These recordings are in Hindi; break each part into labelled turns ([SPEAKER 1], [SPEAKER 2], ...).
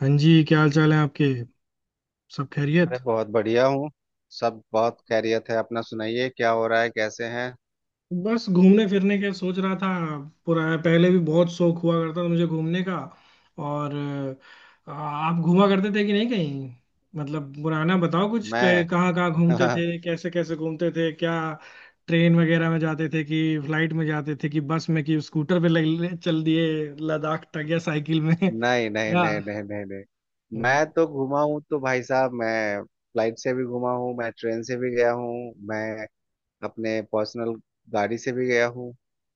[SPEAKER 1] हाँ जी क्या हाल चाल है आपके। सब खैरियत?
[SPEAKER 2] अरे, बहुत बढ़िया हूँ। सब बहुत खैरियत है। अपना सुनाइए, क्या हो रहा है, कैसे हैं?
[SPEAKER 1] बस घूमने फिरने के सोच रहा था। पुरा पहले भी बहुत शौक हुआ करता था मुझे घूमने का। और आप घूमा करते थे कि नहीं कहीं? मतलब पुराना बताओ कुछ
[SPEAKER 2] मैं।
[SPEAKER 1] कहाँ कहाँ घूमते थे, कैसे कैसे घूमते थे क्या? ट्रेन वगैरह में जाते थे कि फ्लाइट में जाते थे कि बस में कि स्कूटर पे चल दिए लद्दाख तक या साइकिल में
[SPEAKER 2] नहीं, नहीं,
[SPEAKER 1] या
[SPEAKER 2] नहीं, नहीं, नहीं, नहीं।
[SPEAKER 1] हम्म,
[SPEAKER 2] मैं तो घूमा हूँ तो भाई साहब, मैं फ्लाइट से भी घूमा हूँ, मैं ट्रेन से भी गया हूँ, मैं अपने पर्सनल गाड़ी से भी गया हूँ,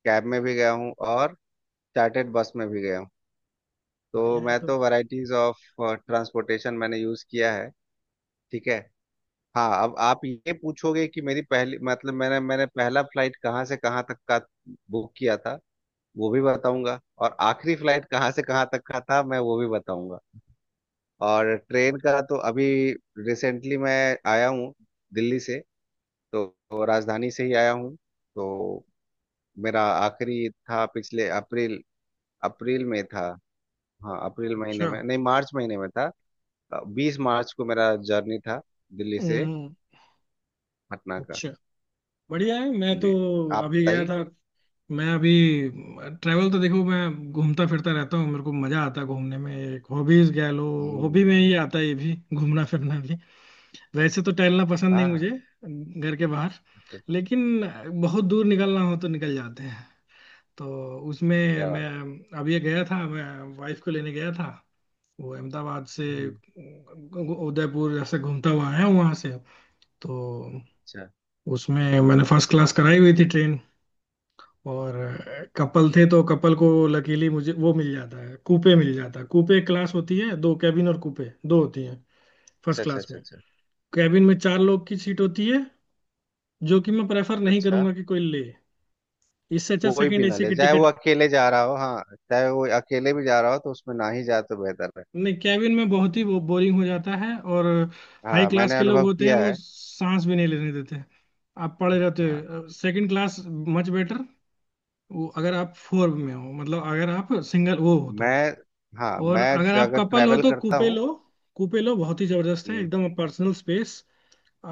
[SPEAKER 2] कैब में भी गया हूँ, और चार्टर्ड बस में भी गया हूँ। तो
[SPEAKER 1] बढ़िया है
[SPEAKER 2] मैं
[SPEAKER 1] तो।
[SPEAKER 2] तो वैरायटीज ऑफ ट्रांसपोर्टेशन मैंने यूज़ किया है। ठीक है। हाँ, अब आप ये पूछोगे कि मेरी पहली मतलब मैंने मैंने पहला फ्लाइट कहाँ से कहाँ तक का बुक किया था, वो भी बताऊंगा, और आखिरी फ्लाइट कहाँ से कहाँ तक का था मैं वो भी बताऊंगा। और ट्रेन का तो अभी रिसेंटली मैं आया हूँ दिल्ली से, तो राजधानी से ही आया हूँ। तो मेरा आखिरी था पिछले अप्रैल अप्रैल में था। हाँ, अप्रैल महीने
[SPEAKER 1] अच्छा।
[SPEAKER 2] में नहीं, मार्च महीने में था। 20 मार्च को मेरा जर्नी था दिल्ली से
[SPEAKER 1] हम्म।
[SPEAKER 2] पटना का।
[SPEAKER 1] अच्छा। बढ़िया है। मैं तो
[SPEAKER 2] जी। आप
[SPEAKER 1] अभी गया
[SPEAKER 2] बताइए।
[SPEAKER 1] था। मैं अभी ट्रैवल, तो देखो मैं घूमता फिरता रहता हूँ, मेरे को मजा आता है घूमने में, एक हॉबीज कह लो। हॉबी
[SPEAKER 2] हम्म।
[SPEAKER 1] में ही आता है ये भी घूमना फिरना भी। वैसे तो टहलना पसंद नहीं
[SPEAKER 2] हाँ, हाँ।
[SPEAKER 1] मुझे घर के बाहर,
[SPEAKER 2] अच्छा, अच्छा।
[SPEAKER 1] लेकिन बहुत दूर निकलना हो तो निकल जाते हैं। तो उसमें
[SPEAKER 2] क्या बात।
[SPEAKER 1] मैं अभी गया था। मैं वाइफ को लेने गया था। वो अहमदाबाद से
[SPEAKER 2] हम्म।
[SPEAKER 1] उदयपुर जैसे घूमता हुआ आया वहां से। तो
[SPEAKER 2] अच्छा,
[SPEAKER 1] उसमें मैंने फर्स्ट क्लास कराई हुई थी ट्रेन। और कपल थे तो कपल को लकीली मुझे वो मिल जाता है, कूपे मिल जाता है। कूपे एक क्लास होती है, दो कैबिन और कूपे दो होती हैं फर्स्ट
[SPEAKER 2] अच्छा, अच्छा,
[SPEAKER 1] क्लास
[SPEAKER 2] अच्छा।
[SPEAKER 1] में।
[SPEAKER 2] अच्छा,
[SPEAKER 1] कैबिन में चार लोग की सीट होती है, जो कि मैं प्रेफर नहीं
[SPEAKER 2] अच्छा।
[SPEAKER 1] करूंगा कि कोई ले। इससे अच्छा
[SPEAKER 2] कोई
[SPEAKER 1] सेकंड
[SPEAKER 2] भी ना
[SPEAKER 1] एसी
[SPEAKER 2] ले,
[SPEAKER 1] की
[SPEAKER 2] चाहे वो
[SPEAKER 1] टिकट।
[SPEAKER 2] अकेले जा रहा हो, हाँ। चाहे वो अकेले भी जा रहा हो तो उसमें ना ही जाए तो बेहतर है।
[SPEAKER 1] नहीं, कैबिन में बहुत ही वो बोरिंग हो जाता है। और हाई
[SPEAKER 2] हाँ,
[SPEAKER 1] क्लास
[SPEAKER 2] मैंने
[SPEAKER 1] के लोग
[SPEAKER 2] अनुभव
[SPEAKER 1] होते हैं,
[SPEAKER 2] किया
[SPEAKER 1] वो
[SPEAKER 2] है।
[SPEAKER 1] सांस भी नहीं लेने देते। आप पड़े रहते
[SPEAKER 2] हाँ।
[SPEAKER 1] हो। Second class much better. वो अगर आप फोर में हो, मतलब अगर आप सिंगल वो हो तो।
[SPEAKER 2] मैं, हाँ,
[SPEAKER 1] और
[SPEAKER 2] मैं
[SPEAKER 1] अगर आप
[SPEAKER 2] अगर
[SPEAKER 1] कपल हो
[SPEAKER 2] ट्रैवल
[SPEAKER 1] तो
[SPEAKER 2] करता हूँ।
[SPEAKER 1] कूपे लो बहुत ही जबरदस्त है,
[SPEAKER 2] हम्म,
[SPEAKER 1] एकदम पर्सनल स्पेस।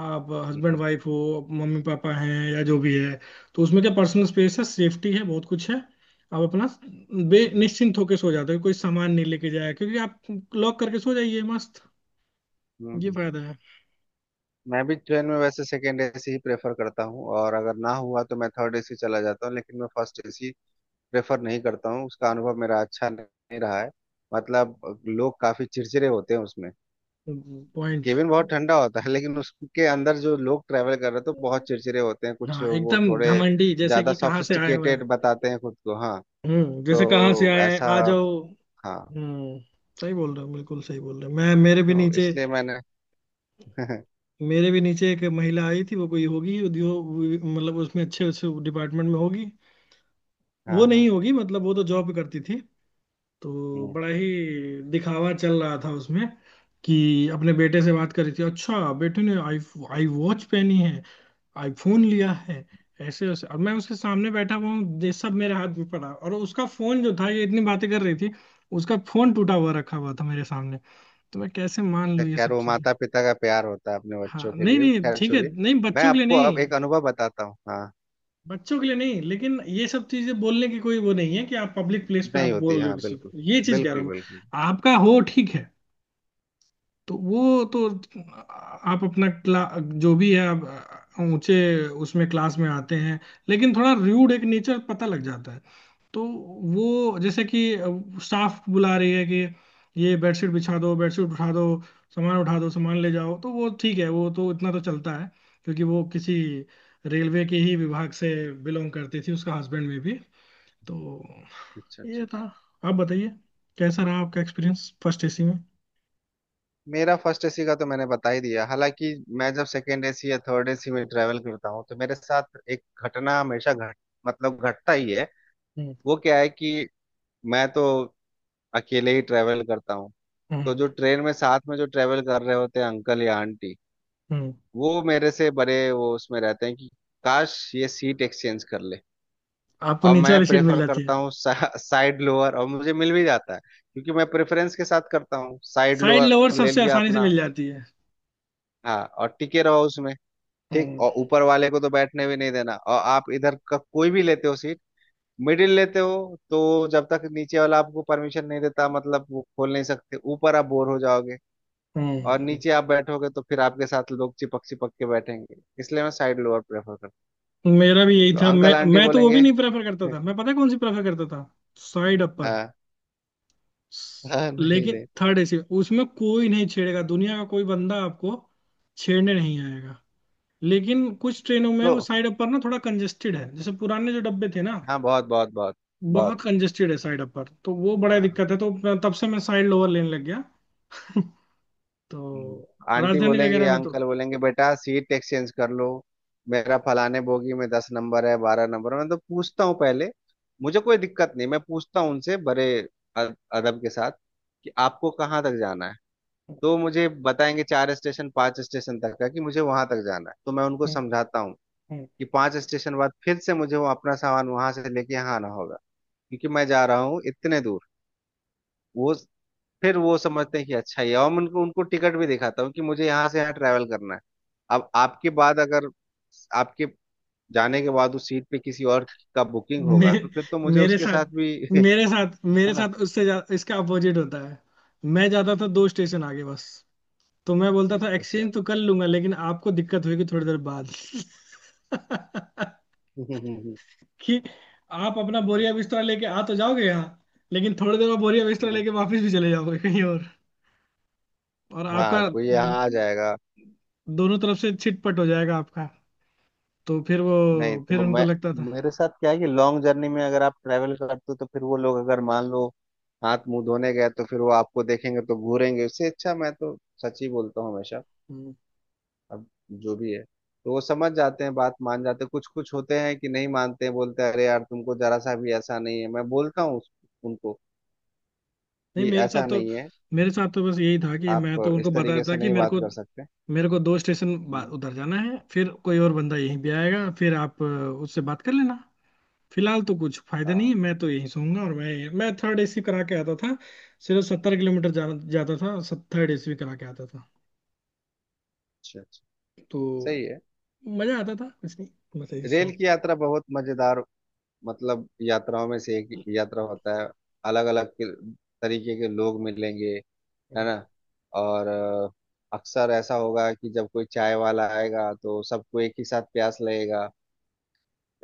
[SPEAKER 1] आप हस्बैंड
[SPEAKER 2] हम्म।
[SPEAKER 1] वाइफ हो, मम्मी पापा हैं, या जो भी है। तो उसमें क्या पर्सनल स्पेस है, सेफ्टी है, बहुत कुछ है। आप अपना बे
[SPEAKER 2] हम्म,
[SPEAKER 1] निश्चिंत होकर सो जाते हो, कोई सामान नहीं लेके जाए, क्योंकि आप लॉक करके सो जाइए मस्त।
[SPEAKER 2] हम्म,
[SPEAKER 1] ये
[SPEAKER 2] हम्म।
[SPEAKER 1] फायदा है।
[SPEAKER 2] मैं भी ट्रेन में वैसे सेकेंड एसी ही प्रेफर करता हूँ, और अगर ना हुआ तो मैं थर्ड एसी चला जाता हूँ, लेकिन मैं फर्स्ट एसी प्रेफर नहीं करता हूँ। उसका अनुभव मेरा अच्छा नहीं रहा है। मतलब लोग काफी चिड़चिड़े होते हैं उसमें।
[SPEAKER 1] पॉइंट।
[SPEAKER 2] केबिन बहुत ठंडा होता है, लेकिन उसके अंदर जो लोग ट्रैवल कर रहे थे वो बहुत चिड़चिड़े होते हैं, कुछ
[SPEAKER 1] हाँ,
[SPEAKER 2] वो
[SPEAKER 1] एकदम
[SPEAKER 2] थोड़े
[SPEAKER 1] घमंडी जैसे
[SPEAKER 2] ज्यादा
[SPEAKER 1] कि कहाँ से आए हुए हैं।
[SPEAKER 2] सॉफिस्टिकेटेड बताते हैं खुद को, हाँ।
[SPEAKER 1] हम्म, जैसे कहाँ से
[SPEAKER 2] तो
[SPEAKER 1] आए हैं
[SPEAKER 2] ऐसा,
[SPEAKER 1] आ जाओ।
[SPEAKER 2] हाँ,
[SPEAKER 1] हम्म। सही बोल रहे हो, बिल्कुल सही बोल रहे हो। मैं
[SPEAKER 2] तो इसलिए मैंने।
[SPEAKER 1] मेरे भी नीचे एक महिला आई थी। वो कोई होगी उद्योग, मतलब उसमें अच्छे उस डिपार्टमेंट में होगी। वो
[SPEAKER 2] हाँ,
[SPEAKER 1] नहीं
[SPEAKER 2] हाँ।
[SPEAKER 1] होगी, मतलब वो तो जॉब करती थी। तो
[SPEAKER 2] हम्म।
[SPEAKER 1] बड़ा ही दिखावा चल रहा था उसमें। कि अपने बेटे से बात कर रही थी, अच्छा बेटे ने आई आई वॉच पहनी है, आईफोन लिया है, ऐसे ऐसे। अब मैं उसके सामने बैठा हुआ हूँ, ये सब मेरे हाथ में पड़ा, और उसका फोन जो था, ये इतनी बातें कर रही थी, उसका फोन टूटा हुआ रखा हुआ था मेरे सामने। तो मैं कैसे मान
[SPEAKER 2] तो
[SPEAKER 1] लूँ ये
[SPEAKER 2] खैर,
[SPEAKER 1] सब
[SPEAKER 2] वो
[SPEAKER 1] चीजें।
[SPEAKER 2] माता पिता का प्यार होता है अपने
[SPEAKER 1] हाँ
[SPEAKER 2] बच्चों के
[SPEAKER 1] नहीं
[SPEAKER 2] लिए,
[SPEAKER 1] नहीं,
[SPEAKER 2] खैर
[SPEAKER 1] ठीक है।
[SPEAKER 2] छोड़िए।
[SPEAKER 1] नहीं
[SPEAKER 2] मैं
[SPEAKER 1] बच्चों के लिए
[SPEAKER 2] आपको अब
[SPEAKER 1] नहीं,
[SPEAKER 2] एक अनुभव बताता हूँ, हाँ।
[SPEAKER 1] बच्चों के लिए नहीं, लेकिन ये सब चीजें बोलने की कोई वो नहीं है कि आप पब्लिक प्लेस पे आप
[SPEAKER 2] नहीं होती,
[SPEAKER 1] बोल रहे हो
[SPEAKER 2] हाँ,
[SPEAKER 1] किसी
[SPEAKER 2] बिल्कुल।
[SPEAKER 1] को, ये चीज कह रहा
[SPEAKER 2] बिल्कुल,
[SPEAKER 1] हूँ
[SPEAKER 2] बिल्कुल।
[SPEAKER 1] आपका, हो ठीक है। तो वो तो आप अपना क्ला जो भी है आप ऊंचे उसमें क्लास में आते हैं, लेकिन थोड़ा र्यूड एक नेचर पता लग जाता है। तो वो जैसे कि स्टाफ बुला रही है कि ये बेडशीट बिछा दो, बेडशीट उठा दो, सामान उठा दो, सामान ले जाओ, तो वो ठीक है, वो तो इतना तो चलता है। क्योंकि वो किसी रेलवे के ही विभाग से बिलोंग करती थी, उसका हस्बैंड में भी। तो
[SPEAKER 2] अच्छा,
[SPEAKER 1] ये
[SPEAKER 2] अच्छा,
[SPEAKER 1] था।
[SPEAKER 2] अच्छा।
[SPEAKER 1] आप बताइए, कैसा रहा आपका एक्सपीरियंस फर्स्ट एसी में।
[SPEAKER 2] मेरा फर्स्ट एसी का तो मैंने बता ही दिया, हालांकि मैं जब सेकेंड एसी या थर्ड एसी में ट्रैवल करता हूँ तो मेरे साथ एक घटना हमेशा घट, मतलब घटता ही है।
[SPEAKER 1] हम्म।
[SPEAKER 2] वो क्या है कि मैं तो अकेले ही ट्रैवल करता हूँ। तो
[SPEAKER 1] हम्म।
[SPEAKER 2] जो ट्रेन में साथ में जो ट्रैवल कर रहे होते हैं अंकल या आंटी,
[SPEAKER 1] हम्म।
[SPEAKER 2] वो मेरे से बड़े, वो उसमें रहते हैं कि काश ये सीट एक्सचेंज कर ले।
[SPEAKER 1] आपको
[SPEAKER 2] और
[SPEAKER 1] नीचे
[SPEAKER 2] मैं
[SPEAKER 1] वाली सीट मिल
[SPEAKER 2] प्रेफर
[SPEAKER 1] जाती
[SPEAKER 2] करता
[SPEAKER 1] है।
[SPEAKER 2] हूँ साइड लोअर, और मुझे मिल भी जाता है, क्योंकि मैं प्रेफरेंस के साथ करता हूँ, साइड
[SPEAKER 1] साइड लोअर
[SPEAKER 2] लोअर ले
[SPEAKER 1] सबसे
[SPEAKER 2] लिया
[SPEAKER 1] आसानी से
[SPEAKER 2] अपना।
[SPEAKER 1] मिल जाती है।
[SPEAKER 2] हाँ, और टिके रहो उसमें। ठीक,
[SPEAKER 1] हम्म।
[SPEAKER 2] और ऊपर वाले को तो बैठने भी नहीं देना। और आप इधर का कोई भी लेते हो सीट, मिडिल लेते हो तो जब तक नीचे वाला आपको परमिशन नहीं देता, मतलब वो खोल नहीं सकते, ऊपर आप बोर हो जाओगे। और
[SPEAKER 1] हम्म।
[SPEAKER 2] नीचे आप बैठोगे तो फिर आपके साथ लोग चिपक चिपक के बैठेंगे, इसलिए मैं साइड लोअर प्रेफर करता हूं।
[SPEAKER 1] मेरा भी यही
[SPEAKER 2] तो
[SPEAKER 1] था। मैं
[SPEAKER 2] अंकल आंटी
[SPEAKER 1] मैं तो वो भी
[SPEAKER 2] बोलेंगे।
[SPEAKER 1] नहीं प्रेफर करता था। मैं पता है कौन सी प्रेफर करता था? Side upper.
[SPEAKER 2] हाँ, हाँ, नहीं,
[SPEAKER 1] लेकिन
[SPEAKER 2] नहीं।
[SPEAKER 1] थर्ड एसी, उसमें कोई नहीं छेड़ेगा, दुनिया का कोई बंदा आपको छेड़ने नहीं आएगा। लेकिन कुछ ट्रेनों में वो
[SPEAKER 2] तो
[SPEAKER 1] साइड अपर ना थोड़ा कंजेस्टेड है, जैसे पुराने जो डब्बे थे ना,
[SPEAKER 2] हाँ, बहुत, बहुत, बहुत,
[SPEAKER 1] बहुत
[SPEAKER 2] बहुत,
[SPEAKER 1] कंजेस्टेड है साइड अपर, तो वो बड़ा
[SPEAKER 2] हाँ।
[SPEAKER 1] दिक्कत है। तो तब से मैं साइड लोअर लेने लग गया
[SPEAKER 2] हम्म।
[SPEAKER 1] तो
[SPEAKER 2] आंटी
[SPEAKER 1] राजधानी
[SPEAKER 2] बोलेंगे
[SPEAKER 1] वगैरह
[SPEAKER 2] या
[SPEAKER 1] में
[SPEAKER 2] अंकल बोलेंगे, बेटा सीट एक्सचेंज कर लो, मेरा फलाने बोगी में 10 नंबर है, 12 नंबर है। मैं तो पूछता हूँ पहले, मुझे कोई दिक्कत नहीं, मैं पूछता हूँ उनसे बड़े अदब के साथ कि आपको कहाँ तक जाना है। तो मुझे बताएंगे चार स्टेशन, पांच स्टेशन तक का, कि मुझे वहां तक जाना है। तो मैं उनको समझाता हूँ
[SPEAKER 1] तो
[SPEAKER 2] कि पांच स्टेशन बाद फिर से मुझे वो अपना सामान वहां से लेके यहाँ आना होगा, क्योंकि मैं जा रहा हूँ इतने दूर। वो, फिर वो समझते हैं कि अच्छा ये, और मैं उनको उनको टिकट भी दिखाता हूँ कि मुझे यहाँ से यहाँ ट्रैवल करना है। अब आपके बाद अगर आपके जाने के बाद उस सीट पे किसी और का बुकिंग
[SPEAKER 1] मे,
[SPEAKER 2] होगा तो फिर तो मुझे
[SPEAKER 1] मेरे
[SPEAKER 2] उसके साथ
[SPEAKER 1] साथ
[SPEAKER 2] भी है
[SPEAKER 1] मेरे
[SPEAKER 2] ना।
[SPEAKER 1] साथ इसका अपोजिट होता है। मैं जाता था दो स्टेशन आगे बस। तो मैं बोलता था
[SPEAKER 2] अच्छा।
[SPEAKER 1] एक्सचेंज तो कर लूंगा, लेकिन आपको दिक्कत होगी थोड़ी देर बाद
[SPEAKER 2] हम्म, हम्म,
[SPEAKER 1] कि आप अपना बोरिया बिस्तरा लेके आ तो जाओगे यहाँ, लेकिन थोड़ी देर बाद बोरिया बिस्तरा
[SPEAKER 2] हम्म।
[SPEAKER 1] लेके वापस भी चले जाओगे कहीं और। और आपका
[SPEAKER 2] हाँ, कोई यहाँ आ जाएगा।
[SPEAKER 1] दोनों तरफ से छिटपट हो जाएगा आपका। तो फिर वो,
[SPEAKER 2] नहीं
[SPEAKER 1] फिर
[SPEAKER 2] तो
[SPEAKER 1] उनको
[SPEAKER 2] मैं
[SPEAKER 1] लगता था।
[SPEAKER 2] मेरे साथ क्या है कि लॉन्ग जर्नी में अगर आप ट्रैवल करते हो तो फिर वो लोग अगर मान लो हाथ मुंह धोने गए तो फिर वो आपको देखेंगे तो घूरेंगे, उससे अच्छा मैं तो सच ही बोलता हूँ हमेशा।
[SPEAKER 1] हम्म।
[SPEAKER 2] अब जो भी है, तो वो समझ जाते हैं, बात मान जाते हैं। कुछ कुछ होते हैं कि नहीं मानते हैं, बोलते हैं अरे यार तुमको जरा सा भी ऐसा नहीं है। मैं बोलता हूँ उनको
[SPEAKER 1] नहीं
[SPEAKER 2] कि
[SPEAKER 1] मेरे साथ
[SPEAKER 2] ऐसा
[SPEAKER 1] तो,
[SPEAKER 2] नहीं है,
[SPEAKER 1] बस यही था कि
[SPEAKER 2] आप
[SPEAKER 1] मैं तो उनको
[SPEAKER 2] इस
[SPEAKER 1] बता
[SPEAKER 2] तरीके
[SPEAKER 1] देता
[SPEAKER 2] से
[SPEAKER 1] कि
[SPEAKER 2] नहीं बात कर सकते।
[SPEAKER 1] मेरे को दो स्टेशन
[SPEAKER 2] हम्म,
[SPEAKER 1] उधर जाना है, फिर कोई और बंदा यहीं भी आएगा, फिर आप उससे बात कर लेना। फिलहाल तो कुछ फायदा नहीं है,
[SPEAKER 2] हाँ।
[SPEAKER 1] मैं तो यहीं सोऊंगा। और मैं थर्ड एसी करा के आता था। सिर्फ 70 किलोमीटर जाता था, थर्ड एसी भी करा के आता था।
[SPEAKER 2] अच्छा, अच्छा।
[SPEAKER 1] तो
[SPEAKER 2] सही है।
[SPEAKER 1] मजा आता था कुछ नहीं, बस ऐसी
[SPEAKER 2] रेल
[SPEAKER 1] शौक।
[SPEAKER 2] की यात्रा बहुत मजेदार, मतलब यात्राओं में से एक यात्रा होता है। अलग अलग तरीके के लोग मिलेंगे, है ना। और अक्सर ऐसा होगा कि जब कोई चाय वाला आएगा तो सबको एक ही साथ प्यास लगेगा,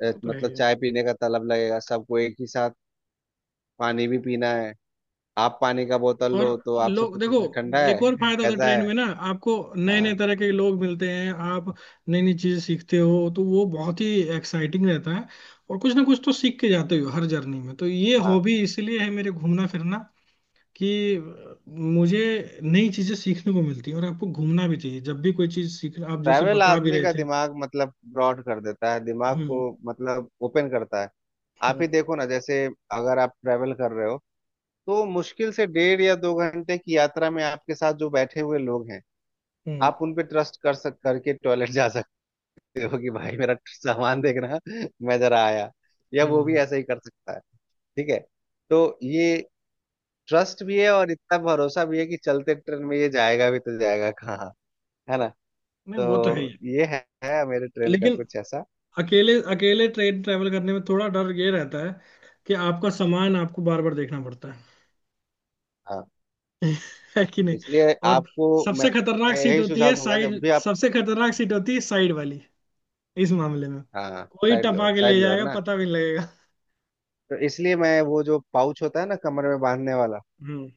[SPEAKER 1] वो तो
[SPEAKER 2] मतलब
[SPEAKER 1] है।
[SPEAKER 2] चाय पीने का तलब लगेगा सबको एक ही साथ। पानी भी पीना है, आप पानी का बोतल
[SPEAKER 1] और
[SPEAKER 2] लो तो आपसे
[SPEAKER 1] लोग
[SPEAKER 2] पूछेंगे
[SPEAKER 1] देखो,
[SPEAKER 2] ठंडा
[SPEAKER 1] एक और
[SPEAKER 2] है
[SPEAKER 1] फायदा होता है
[SPEAKER 2] कैसा
[SPEAKER 1] ट्रेन
[SPEAKER 2] है।
[SPEAKER 1] में ना, आपको नए नए
[SPEAKER 2] हाँ,
[SPEAKER 1] तरह के लोग मिलते हैं, आप नई नई चीजें सीखते हो, तो वो बहुत ही एक्साइटिंग रहता है। और कुछ ना कुछ तो सीख के जाते हो हर जर्नी में। तो ये
[SPEAKER 2] हाँ।
[SPEAKER 1] हॉबी इसलिए है मेरे घूमना फिरना, कि मुझे नई चीजें सीखने को मिलती है। और आपको घूमना भी चाहिए, जब भी कोई चीज सीख, आप जैसे
[SPEAKER 2] ट्रैवल
[SPEAKER 1] बता भी
[SPEAKER 2] आदमी
[SPEAKER 1] रहे
[SPEAKER 2] का
[SPEAKER 1] थे।
[SPEAKER 2] दिमाग मतलब ब्रॉड कर देता है, दिमाग को
[SPEAKER 1] हम्म।
[SPEAKER 2] मतलब ओपन करता है। आप ही
[SPEAKER 1] हम्म।
[SPEAKER 2] देखो ना, जैसे अगर आप ट्रैवल कर रहे हो तो मुश्किल से 1.5 या 2 घंटे की यात्रा में आपके साथ जो बैठे हुए लोग हैं,
[SPEAKER 1] हम्म।
[SPEAKER 2] आप उन पे ट्रस्ट कर सक करके टॉयलेट जा सकते हो कि भाई मेरा सामान देखना, मैं जरा आया, या वो भी
[SPEAKER 1] हम्म।
[SPEAKER 2] ऐसा ही कर सकता है। ठीक है। तो ये ट्रस्ट भी है, और इतना भरोसा भी है कि चलते ट्रेन में ये जाएगा भी तो जाएगा कहाँ, है ना।
[SPEAKER 1] नहीं वो तो है ही।
[SPEAKER 2] तो ये है मेरे ट्रेन का
[SPEAKER 1] लेकिन
[SPEAKER 2] कुछ ऐसा।
[SPEAKER 1] अकेले अकेले ट्रेन ट्रैवल करने में थोड़ा डर ये रहता है कि आपका सामान आपको बार बार देखना पड़ता है
[SPEAKER 2] हाँ,
[SPEAKER 1] है कि नहीं?
[SPEAKER 2] इसलिए
[SPEAKER 1] और
[SPEAKER 2] आपको मैं
[SPEAKER 1] सबसे खतरनाक
[SPEAKER 2] मैं
[SPEAKER 1] सीट
[SPEAKER 2] यही
[SPEAKER 1] होती
[SPEAKER 2] सुझाव
[SPEAKER 1] है
[SPEAKER 2] दूंगा जब
[SPEAKER 1] साइड,
[SPEAKER 2] भी आप,
[SPEAKER 1] सबसे खतरनाक सीट होती है साइड वाली इस मामले में।
[SPEAKER 2] हाँ,
[SPEAKER 1] कोई
[SPEAKER 2] साइड लोअर,
[SPEAKER 1] टपा के
[SPEAKER 2] साइड
[SPEAKER 1] ले
[SPEAKER 2] लोअर
[SPEAKER 1] जाएगा,
[SPEAKER 2] ना।
[SPEAKER 1] पता भी नहीं लगेगा।
[SPEAKER 2] तो इसलिए मैं वो जो पाउच होता है ना, कमर में बांधने वाला,
[SPEAKER 1] हम्म।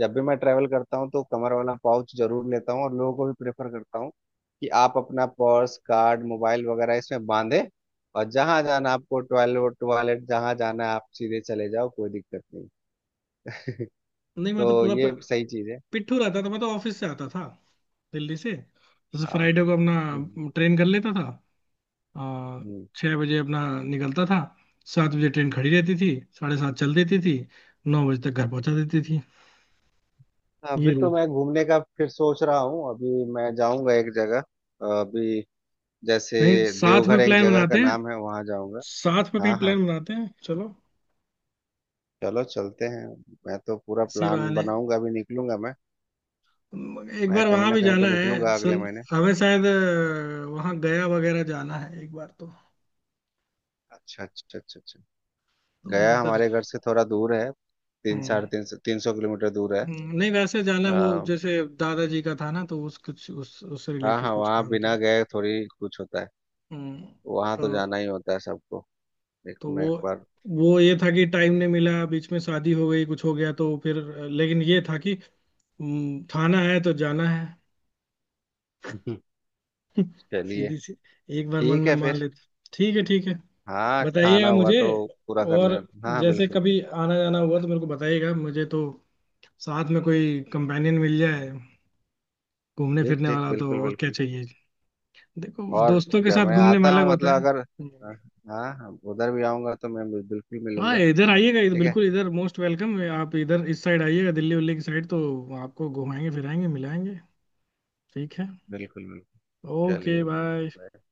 [SPEAKER 2] जब भी मैं ट्रैवल करता हूँ तो कमर वाला पाउच जरूर लेता हूँ, और लोगों को भी प्रेफर करता हूँ कि आप अपना पर्स, कार्ड, मोबाइल वगैरह इसमें बांधे। और जहाँ जाना आपको, टॉयलेट, टॉयलेट जहाँ जाना है, आप सीधे चले जाओ, कोई दिक्कत नहीं।
[SPEAKER 1] नहीं
[SPEAKER 2] तो
[SPEAKER 1] मैं तो पूरा
[SPEAKER 2] ये सही चीज़ है।
[SPEAKER 1] पिट्ठू रहता था। मैं तो ऑफिस से आता था दिल्ली से, जैसे
[SPEAKER 2] हाँ,
[SPEAKER 1] फ्राइडे को
[SPEAKER 2] हम्म,
[SPEAKER 1] अपना ट्रेन कर लेता था। और
[SPEAKER 2] हम्म।
[SPEAKER 1] 6 बजे अपना निकलता था, 7 बजे ट्रेन खड़ी रहती थी, 7:30 चल देती थी, 9 बजे तक घर पहुंचा देती थी। ये
[SPEAKER 2] अभी तो
[SPEAKER 1] रूल,
[SPEAKER 2] मैं घूमने का फिर सोच रहा हूँ, अभी मैं जाऊँगा एक जगह। अभी जैसे
[SPEAKER 1] कहीं साथ
[SPEAKER 2] देवघर
[SPEAKER 1] में
[SPEAKER 2] एक
[SPEAKER 1] प्लान
[SPEAKER 2] जगह का
[SPEAKER 1] बनाते हैं,
[SPEAKER 2] नाम है, वहाँ जाऊँगा।
[SPEAKER 1] साथ में कहीं
[SPEAKER 2] हाँ, हाँ।
[SPEAKER 1] प्लान बनाते हैं चलो,
[SPEAKER 2] चलो चलते हैं, मैं तो पूरा
[SPEAKER 1] इसी
[SPEAKER 2] प्लान
[SPEAKER 1] बहाने।
[SPEAKER 2] बनाऊंगा, अभी निकलूंगा मैं।
[SPEAKER 1] एक
[SPEAKER 2] मैं
[SPEAKER 1] बार
[SPEAKER 2] कहीं
[SPEAKER 1] वहां
[SPEAKER 2] ना
[SPEAKER 1] भी
[SPEAKER 2] कहीं तो
[SPEAKER 1] जाना है
[SPEAKER 2] निकलूंगा
[SPEAKER 1] सल,
[SPEAKER 2] अगले महीने।
[SPEAKER 1] हमें शायद वहां गया वगैरह जाना है एक बार तो।
[SPEAKER 2] अच्छा, अच्छा, अच्छा, अच्छा।
[SPEAKER 1] तो
[SPEAKER 2] गया
[SPEAKER 1] उधर,
[SPEAKER 2] हमारे घर से थोड़ा दूर है, तीन, साढ़े
[SPEAKER 1] हम्म,
[SPEAKER 2] तीन सौ 300 किलोमीटर दूर है।
[SPEAKER 1] नहीं वैसे जाना है वो,
[SPEAKER 2] आ,
[SPEAKER 1] जैसे दादाजी का था ना, तो उस कुछ उस उससे
[SPEAKER 2] हाँ,
[SPEAKER 1] रिलेटेड
[SPEAKER 2] हाँ,
[SPEAKER 1] कुछ
[SPEAKER 2] वहाँ
[SPEAKER 1] काम
[SPEAKER 2] बिना
[SPEAKER 1] था।
[SPEAKER 2] गए थोड़ी कुछ होता है,
[SPEAKER 1] हम्म।
[SPEAKER 2] वहाँ
[SPEAKER 1] तो
[SPEAKER 2] तो जाना ही होता है सबको।
[SPEAKER 1] तो
[SPEAKER 2] देखो, मैं
[SPEAKER 1] वो
[SPEAKER 2] एक बार।
[SPEAKER 1] वो ये था कि टाइम नहीं मिला, बीच में शादी हो गई, कुछ हो गया, तो फिर, लेकिन ये था कि थाना है तो जाना है।
[SPEAKER 2] चलिए।
[SPEAKER 1] सीधी सी, एक बार मन
[SPEAKER 2] ठीक
[SPEAKER 1] में
[SPEAKER 2] है
[SPEAKER 1] मान
[SPEAKER 2] फिर।
[SPEAKER 1] लेते। ठीक है, ठीक है।
[SPEAKER 2] हाँ, खाना
[SPEAKER 1] बताइएगा
[SPEAKER 2] हुआ
[SPEAKER 1] मुझे।
[SPEAKER 2] तो पूरा करने,
[SPEAKER 1] और
[SPEAKER 2] हाँ। हाँ,
[SPEAKER 1] जैसे
[SPEAKER 2] बिल्कुल,
[SPEAKER 1] कभी
[SPEAKER 2] बिल्कुल।
[SPEAKER 1] आना जाना हुआ तो मेरे को बताइएगा, मुझे तो साथ में कोई कंपेनियन मिल जाए घूमने
[SPEAKER 2] ठीक,
[SPEAKER 1] फिरने
[SPEAKER 2] ठीक,
[SPEAKER 1] वाला तो
[SPEAKER 2] बिल्कुल,
[SPEAKER 1] और क्या
[SPEAKER 2] बिल्कुल।
[SPEAKER 1] चाहिए। देखो
[SPEAKER 2] और
[SPEAKER 1] दोस्तों के
[SPEAKER 2] क्या,
[SPEAKER 1] साथ
[SPEAKER 2] मैं
[SPEAKER 1] घूमने में
[SPEAKER 2] आता
[SPEAKER 1] अलग
[SPEAKER 2] हूँ,
[SPEAKER 1] होता
[SPEAKER 2] मतलब
[SPEAKER 1] है।
[SPEAKER 2] अगर,
[SPEAKER 1] हम्म।
[SPEAKER 2] हाँ, हाँ, उधर भी आऊंगा तो मैं बिल्कुल
[SPEAKER 1] हाँ
[SPEAKER 2] मिलूंगा।
[SPEAKER 1] इधर आइएगा, इधर
[SPEAKER 2] ठीक है,
[SPEAKER 1] बिल्कुल, इधर मोस्ट वेलकम है। आप इधर इस साइड आइएगा दिल्ली उल्ली की साइड, तो आपको घुमाएंगे फिराएंगे मिलाएंगे। ठीक है।
[SPEAKER 2] बिल्कुल, बिल्कुल।
[SPEAKER 1] ओके
[SPEAKER 2] चलिए,
[SPEAKER 1] बाय।
[SPEAKER 2] bye।